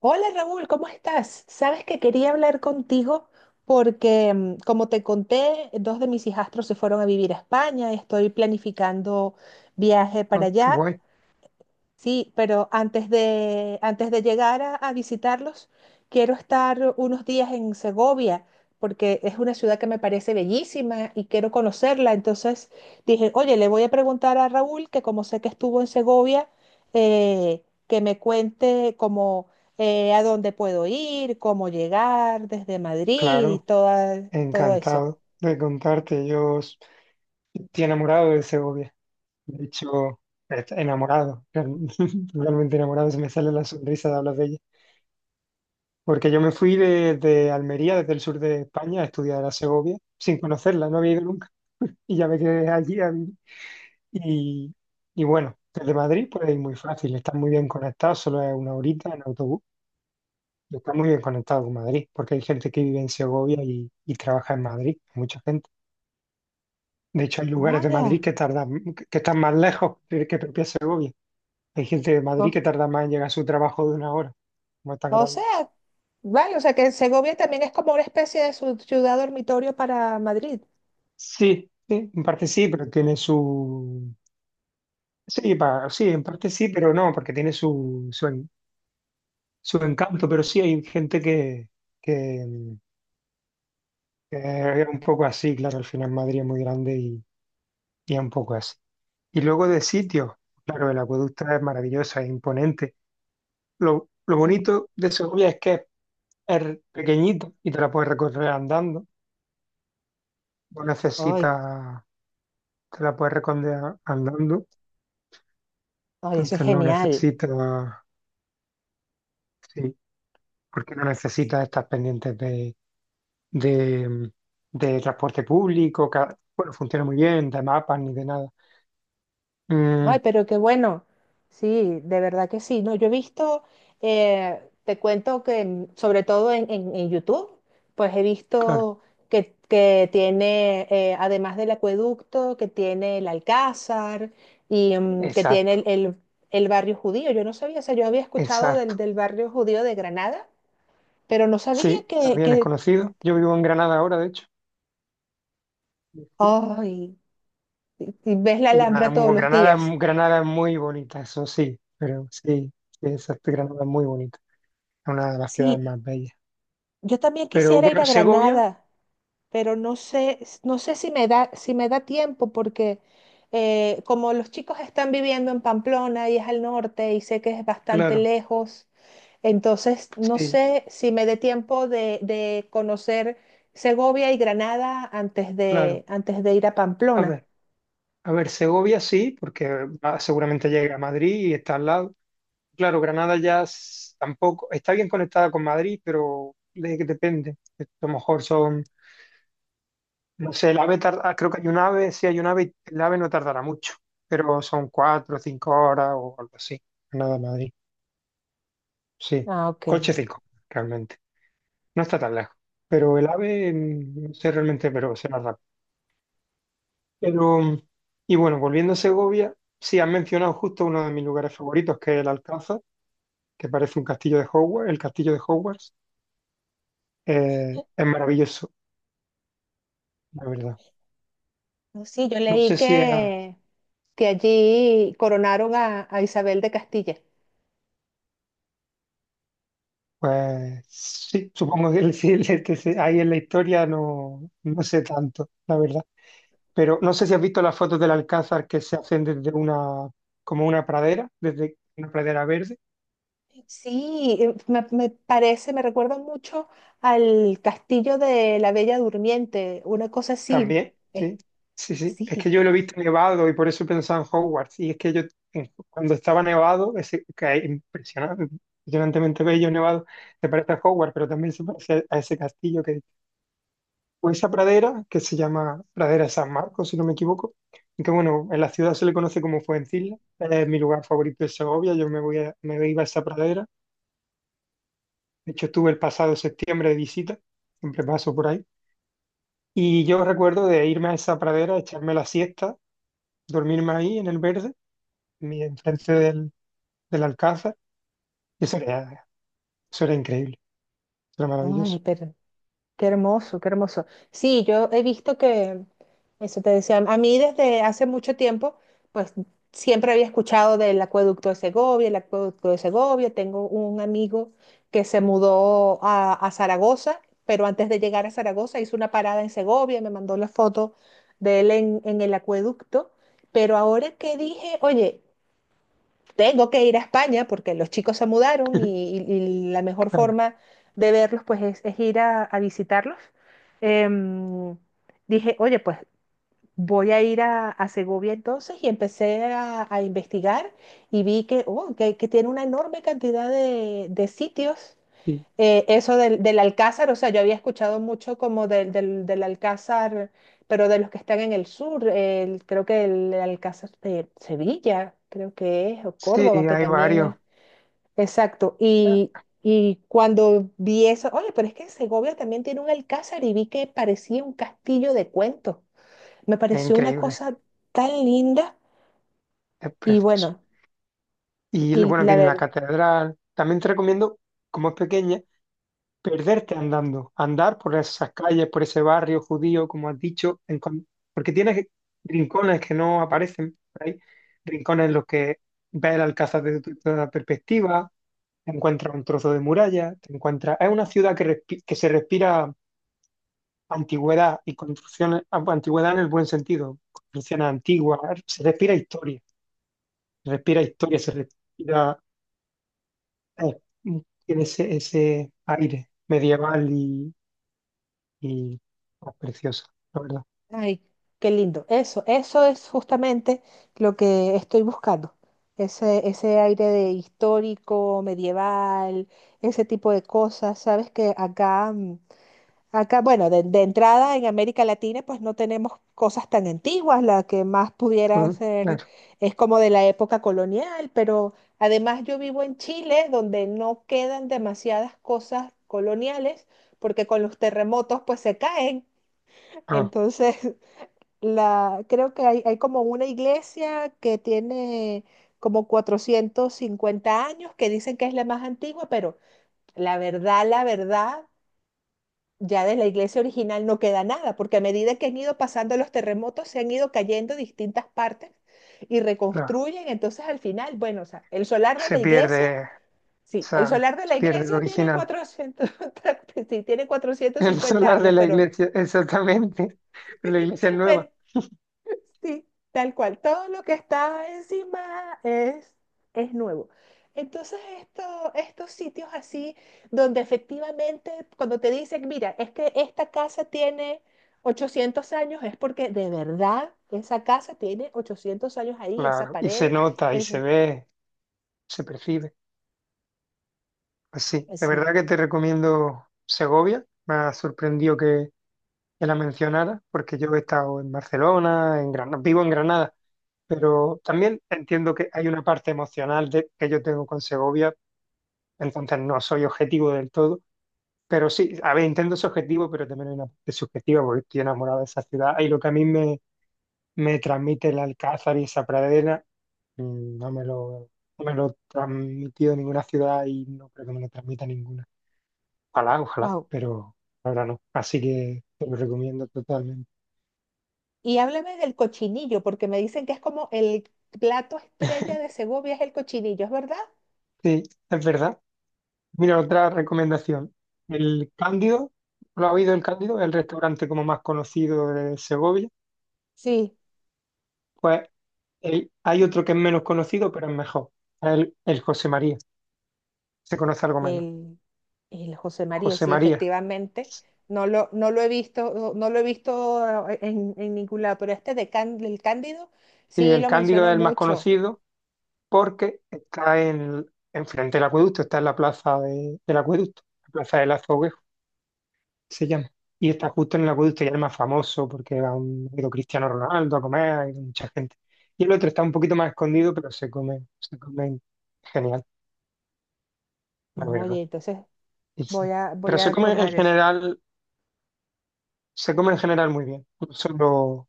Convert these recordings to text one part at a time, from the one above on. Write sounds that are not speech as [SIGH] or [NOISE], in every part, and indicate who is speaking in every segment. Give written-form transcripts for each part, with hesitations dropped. Speaker 1: Hola Raúl, ¿cómo estás? Sabes que quería hablar contigo porque, como te conté, dos de mis hijastros se fueron a vivir a España y estoy planificando viaje para
Speaker 2: Ah, qué
Speaker 1: allá.
Speaker 2: guay.
Speaker 1: Sí, pero antes de llegar a visitarlos, quiero estar unos días en Segovia, porque es una ciudad que me parece bellísima y quiero conocerla. Entonces dije, oye, le voy a preguntar a Raúl, que como sé que estuvo en Segovia, que me cuente como a dónde puedo ir, cómo llegar desde Madrid y
Speaker 2: Claro,
Speaker 1: todo eso.
Speaker 2: encantado de contarte. Estoy enamorado de Segovia. De hecho, enamorado, [LAUGHS] totalmente enamorado. Se me sale la sonrisa de hablar de ella. Porque yo me fui desde Almería, desde el sur de España, a estudiar a Segovia, sin conocerla, no había ido nunca. Y ya me quedé allí a vivir. Y, y bueno, desde Madrid pues es muy fácil, está muy bien conectado, solo es una horita en autobús. Está muy bien conectado con Madrid, porque hay gente que vive en Segovia y trabaja en Madrid, mucha gente. De hecho, hay lugares
Speaker 1: No,
Speaker 2: de Madrid
Speaker 1: ya.
Speaker 2: que tardan, que están más lejos que propia Segovia. Hay gente de Madrid
Speaker 1: No.
Speaker 2: que tarda más en llegar a su trabajo de una hora, como es tan
Speaker 1: O
Speaker 2: grande.
Speaker 1: sea, vale, o sea que Segovia también es como una especie de ciudad dormitorio para Madrid.
Speaker 2: Sí, sí, en parte sí, pero tiene su. Sí, sí, en parte sí, pero no, porque tiene su encanto, pero sí hay gente que, que es un poco así, claro, al final Madrid es muy grande y es un poco así. Y luego de sitio, claro, el acueducto es maravilloso, es imponente. Lo bonito de Segovia es que es pequeñito y te la puedes recorrer andando. No
Speaker 1: Ay,
Speaker 2: necesitas, te la puedes recorrer andando.
Speaker 1: ay, eso es
Speaker 2: Entonces no
Speaker 1: genial.
Speaker 2: necesitas, sí, porque no necesitas estar pendientes de, de transporte público, que bueno, funciona muy bien, de mapas ni de nada. Mm,
Speaker 1: Ay, pero qué bueno. Sí, de verdad que sí. No, yo he visto, te cuento que sobre todo en, en YouTube, pues he
Speaker 2: claro,
Speaker 1: visto que tiene, además del acueducto, que tiene el Alcázar y que tiene
Speaker 2: exacto,
Speaker 1: el barrio judío. Yo no sabía, o sea, yo había escuchado
Speaker 2: exacto.
Speaker 1: del barrio judío de Granada, pero no sabía
Speaker 2: Sí, también es conocido. Yo vivo en Granada ahora, de hecho. Sí,
Speaker 1: ¡ay! Y y ves la
Speaker 2: y Granada,
Speaker 1: Alhambra todos
Speaker 2: muy,
Speaker 1: los
Speaker 2: Granada,
Speaker 1: días.
Speaker 2: Granada es muy bonita, eso sí, pero sí, sí, exacto, Granada es muy bonita, es una de las ciudades
Speaker 1: Sí,
Speaker 2: más bellas.
Speaker 1: yo también
Speaker 2: Pero
Speaker 1: quisiera ir
Speaker 2: bueno,
Speaker 1: a
Speaker 2: Segovia,
Speaker 1: Granada, pero no sé, no sé si me da, si me da tiempo porque, como los chicos están viviendo en Pamplona y es al norte y sé que es bastante
Speaker 2: claro,
Speaker 1: lejos, entonces no
Speaker 2: sí,
Speaker 1: sé si me dé tiempo de conocer Segovia y Granada
Speaker 2: claro.
Speaker 1: antes de ir a
Speaker 2: A
Speaker 1: Pamplona.
Speaker 2: ver, a ver, Segovia sí, porque seguramente llega a Madrid y está al lado. Claro, Granada ya tampoco, está bien conectada con Madrid, pero de, depende. A lo mejor son, no sé, el AVE tarda, ah, creo que hay un AVE, sí hay un AVE, y el AVE no tardará mucho, pero son cuatro o cinco horas o algo así, Granada a Madrid. Sí,
Speaker 1: Ah, ok.
Speaker 2: coche 5 realmente. No está tan lejos. Pero el AVE, no sé realmente, pero será rápido. Pero, y bueno, volviendo a Segovia, sí, han mencionado justo uno de mis lugares favoritos, que es el Alcázar, que parece un castillo de Hogwarts, el castillo de Hogwarts. Es maravilloso, la verdad.
Speaker 1: No, sí, yo
Speaker 2: No
Speaker 1: leí
Speaker 2: sé si es,
Speaker 1: que allí coronaron a Isabel de Castilla.
Speaker 2: pues sí, supongo que [LAUGHS] el, sí, este, sí, ahí en la historia no, no sé tanto, la verdad. Pero no sé si has visto las fotos del Alcázar que se hacen desde una, como una pradera, desde una pradera verde.
Speaker 1: Sí, me parece, me recuerda mucho al castillo de la Bella Durmiente, una cosa así.
Speaker 2: También,
Speaker 1: Eh,
Speaker 2: sí, sí, sí. Es
Speaker 1: sí,
Speaker 2: que yo lo he visto nevado y por eso he pensado en Hogwarts. Y es que yo, cuando estaba nevado, ese, que es impresionante, impresionantemente bello nevado, se parece a Hogwarts, pero también se parece a ese castillo que, o esa pradera que se llama Pradera de San Marcos, si no me equivoco. Y que bueno, en la ciudad se le conoce como Fuencilla. Es mi lugar favorito de Segovia. Yo me me iba a esa pradera. De hecho, estuve el pasado septiembre de visita, siempre paso por ahí. Y yo recuerdo de irme a esa pradera, echarme la siesta, dormirme ahí en el verde, enfrente del, del alcázar. Y eso era, eso era increíble, eso era
Speaker 1: no,
Speaker 2: maravilloso.
Speaker 1: qué hermoso, qué hermoso. Sí, yo he visto que, eso te decía, a mí desde hace mucho tiempo, pues siempre había escuchado del acueducto de Segovia, el acueducto de Segovia. Tengo un amigo que se mudó a Zaragoza, pero antes de llegar a Zaragoza hizo una parada en Segovia, me mandó la foto de él en el acueducto. Pero ahora que dije, oye, tengo que ir a España porque los chicos se mudaron
Speaker 2: [LAUGHS]
Speaker 1: y la mejor
Speaker 2: Claro,
Speaker 1: forma de verlos pues es ir a visitarlos. Em, Dije, oye, pues voy a ir a Segovia entonces y empecé a investigar y vi que, oh, que tiene una enorme cantidad de sitios,
Speaker 2: sí.
Speaker 1: eso del Alcázar, o sea, yo había escuchado mucho como del Alcázar, pero de los que están en el sur, creo que el Alcázar de Sevilla, creo que es, o
Speaker 2: Sí,
Speaker 1: Córdoba, que
Speaker 2: hay
Speaker 1: también
Speaker 2: varios.
Speaker 1: es. Exacto, y cuando vi eso, oye, pero es que Segovia también tiene un Alcázar y vi que parecía un castillo de cuentos. Me
Speaker 2: Es
Speaker 1: pareció una
Speaker 2: increíble,
Speaker 1: cosa tan linda
Speaker 2: es
Speaker 1: y
Speaker 2: precioso.
Speaker 1: bueno,
Speaker 2: Y
Speaker 1: y
Speaker 2: bueno,
Speaker 1: la
Speaker 2: tiene la
Speaker 1: verdad,
Speaker 2: catedral. También te recomiendo, como es pequeña, perderte andando, andar por esas calles, por ese barrio judío, como has dicho, porque tienes rincones que no aparecen por ahí, rincones en los que ves el Alcázar desde toda perspectiva, te encuentras un trozo de muralla, te encuentras. Es una ciudad que, que se respira antigüedad y construcciones, ah, bueno, antigüedad en el buen sentido, construcciones antiguas, se respira historia, se respira historia, se respira. eh, tiene ese aire medieval y oh, preciosa, la verdad.
Speaker 1: ay, qué lindo. Eso es justamente lo que estoy buscando. Ese aire de histórico, medieval, ese tipo de cosas. Sabes que acá, acá, bueno, de entrada en América Latina, pues no tenemos cosas tan antiguas. La que más pudiera
Speaker 2: Mm,
Speaker 1: ser
Speaker 2: claro,
Speaker 1: es como de la época colonial, pero además yo vivo en Chile, donde no quedan demasiadas cosas coloniales, porque con los terremotos pues se caen.
Speaker 2: ah,
Speaker 1: Entonces, [LAUGHS] la, creo que hay como una iglesia que tiene como 450 años, que dicen que es la más antigua, pero la verdad, ya de la iglesia original no queda nada, porque a medida que han ido pasando los terremotos, se han ido cayendo distintas partes y
Speaker 2: claro.
Speaker 1: reconstruyen. Entonces, al final, bueno, o sea, el solar de
Speaker 2: Se
Speaker 1: la iglesia,
Speaker 2: pierde,
Speaker 1: sí, el solar de
Speaker 2: se
Speaker 1: la
Speaker 2: pierde el
Speaker 1: iglesia tiene
Speaker 2: original.
Speaker 1: cuatrocientos, [LAUGHS] sí, tiene
Speaker 2: [LAUGHS]
Speaker 1: cuatrocientos
Speaker 2: El
Speaker 1: cincuenta
Speaker 2: solar de
Speaker 1: años,
Speaker 2: la
Speaker 1: pero,
Speaker 2: iglesia, exactamente. Pero la iglesia es
Speaker 1: [LAUGHS]
Speaker 2: nueva.
Speaker 1: pero sí, tal cual. Todo lo que está encima es nuevo. Entonces, esto, estos sitios así, donde efectivamente cuando te dicen, mira, es que esta casa tiene 800 años, es porque de verdad esa casa tiene 800 años ahí, esa
Speaker 2: Claro, y se
Speaker 1: pared,
Speaker 2: nota, y
Speaker 1: es
Speaker 2: se ve, se percibe. Pues sí, de
Speaker 1: así.
Speaker 2: verdad que te recomiendo Segovia. Me ha sorprendido que la mencionara, porque yo he estado en Barcelona, en Granada, vivo en Granada, pero también entiendo que hay una parte emocional que yo tengo con Segovia, entonces no soy objetivo del todo. Pero sí, a ver, intento es objetivo, pero también hay una parte subjetiva porque estoy enamorado de esa ciudad. Y lo que a mí me transmite el Alcázar y esa pradera, mm, no me lo, no me lo transmitido ninguna ciudad y no creo que me lo transmita ninguna. Ojalá, ojalá,
Speaker 1: Wow.
Speaker 2: pero ahora no. Así que te lo recomiendo totalmente.
Speaker 1: Y háblame del cochinillo, porque me dicen que es como el plato estrella de Segovia es el cochinillo, ¿es verdad?
Speaker 2: Sí, es verdad. Mira, otra recomendación. El Cándido, ¿lo ha oído el Cándido? El restaurante como más conocido de Segovia.
Speaker 1: Sí,
Speaker 2: Pues hay otro que es menos conocido, pero es mejor. El José María. Se conoce algo menos.
Speaker 1: el El José María,
Speaker 2: José
Speaker 1: sí,
Speaker 2: María.
Speaker 1: efectivamente. No lo he visto, no lo he visto, en ningún lado, pero este de del Cándido
Speaker 2: Sí,
Speaker 1: sí
Speaker 2: el
Speaker 1: lo
Speaker 2: Cándido es
Speaker 1: mencionan
Speaker 2: el más
Speaker 1: mucho.
Speaker 2: conocido porque está enfrente del acueducto, está en la plaza del acueducto, la plaza del Azoguejo, se llama. Y está justo en el acueducto y es el más famoso porque ha ido Cristiano Ronaldo a comer, ha ido mucha gente. Y el otro está un poquito más escondido, pero se come genial, la verdad.
Speaker 1: Oye, entonces
Speaker 2: Y sí.
Speaker 1: voy
Speaker 2: Pero se
Speaker 1: a
Speaker 2: come en
Speaker 1: tomar eso.
Speaker 2: general, se come en general muy bien. No solo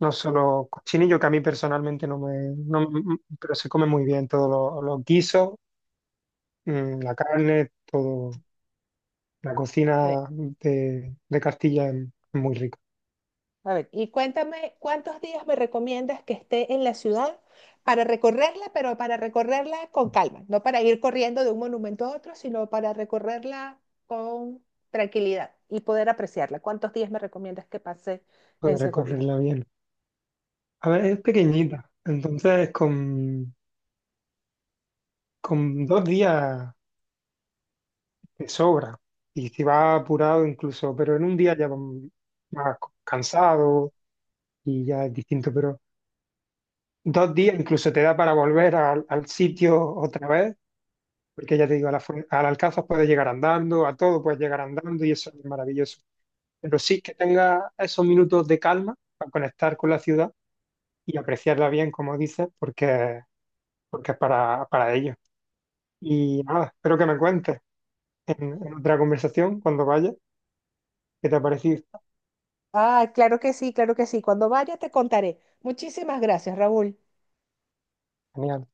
Speaker 2: No solo cochinillo, que a mí personalmente no me. No m- pero se come muy bien todos los guisos, la carne, todo. La
Speaker 1: A ver,
Speaker 2: cocina de Castilla es muy rica,
Speaker 1: a ver, y cuéntame, ¿cuántos días me recomiendas que esté en la ciudad para recorrerla, pero para recorrerla con calma? No para ir corriendo de un monumento a otro, sino para recorrerla con tranquilidad y poder apreciarla. ¿Cuántos días me recomiendas que pase
Speaker 2: puede
Speaker 1: en Segovia?
Speaker 2: recorrerla bien. A ver, es pequeñita, entonces con dos días te sobra. Y si vas apurado incluso, pero en un día ya vas más cansado y ya es distinto. Pero dos días incluso te da para volver al sitio otra vez, porque ya te digo, al Alcázar puedes llegar andando, a todo puedes llegar andando y eso es maravilloso. Pero sí que tenga esos minutos de calma para conectar con la ciudad y apreciarla bien, como dices, porque, porque es para ello. Y nada, espero que me cuentes en otra conversación cuando vayas qué te ha parecido.
Speaker 1: Ah, claro que sí, claro que sí. Cuando vaya te contaré. Muchísimas gracias, Raúl.
Speaker 2: Genial.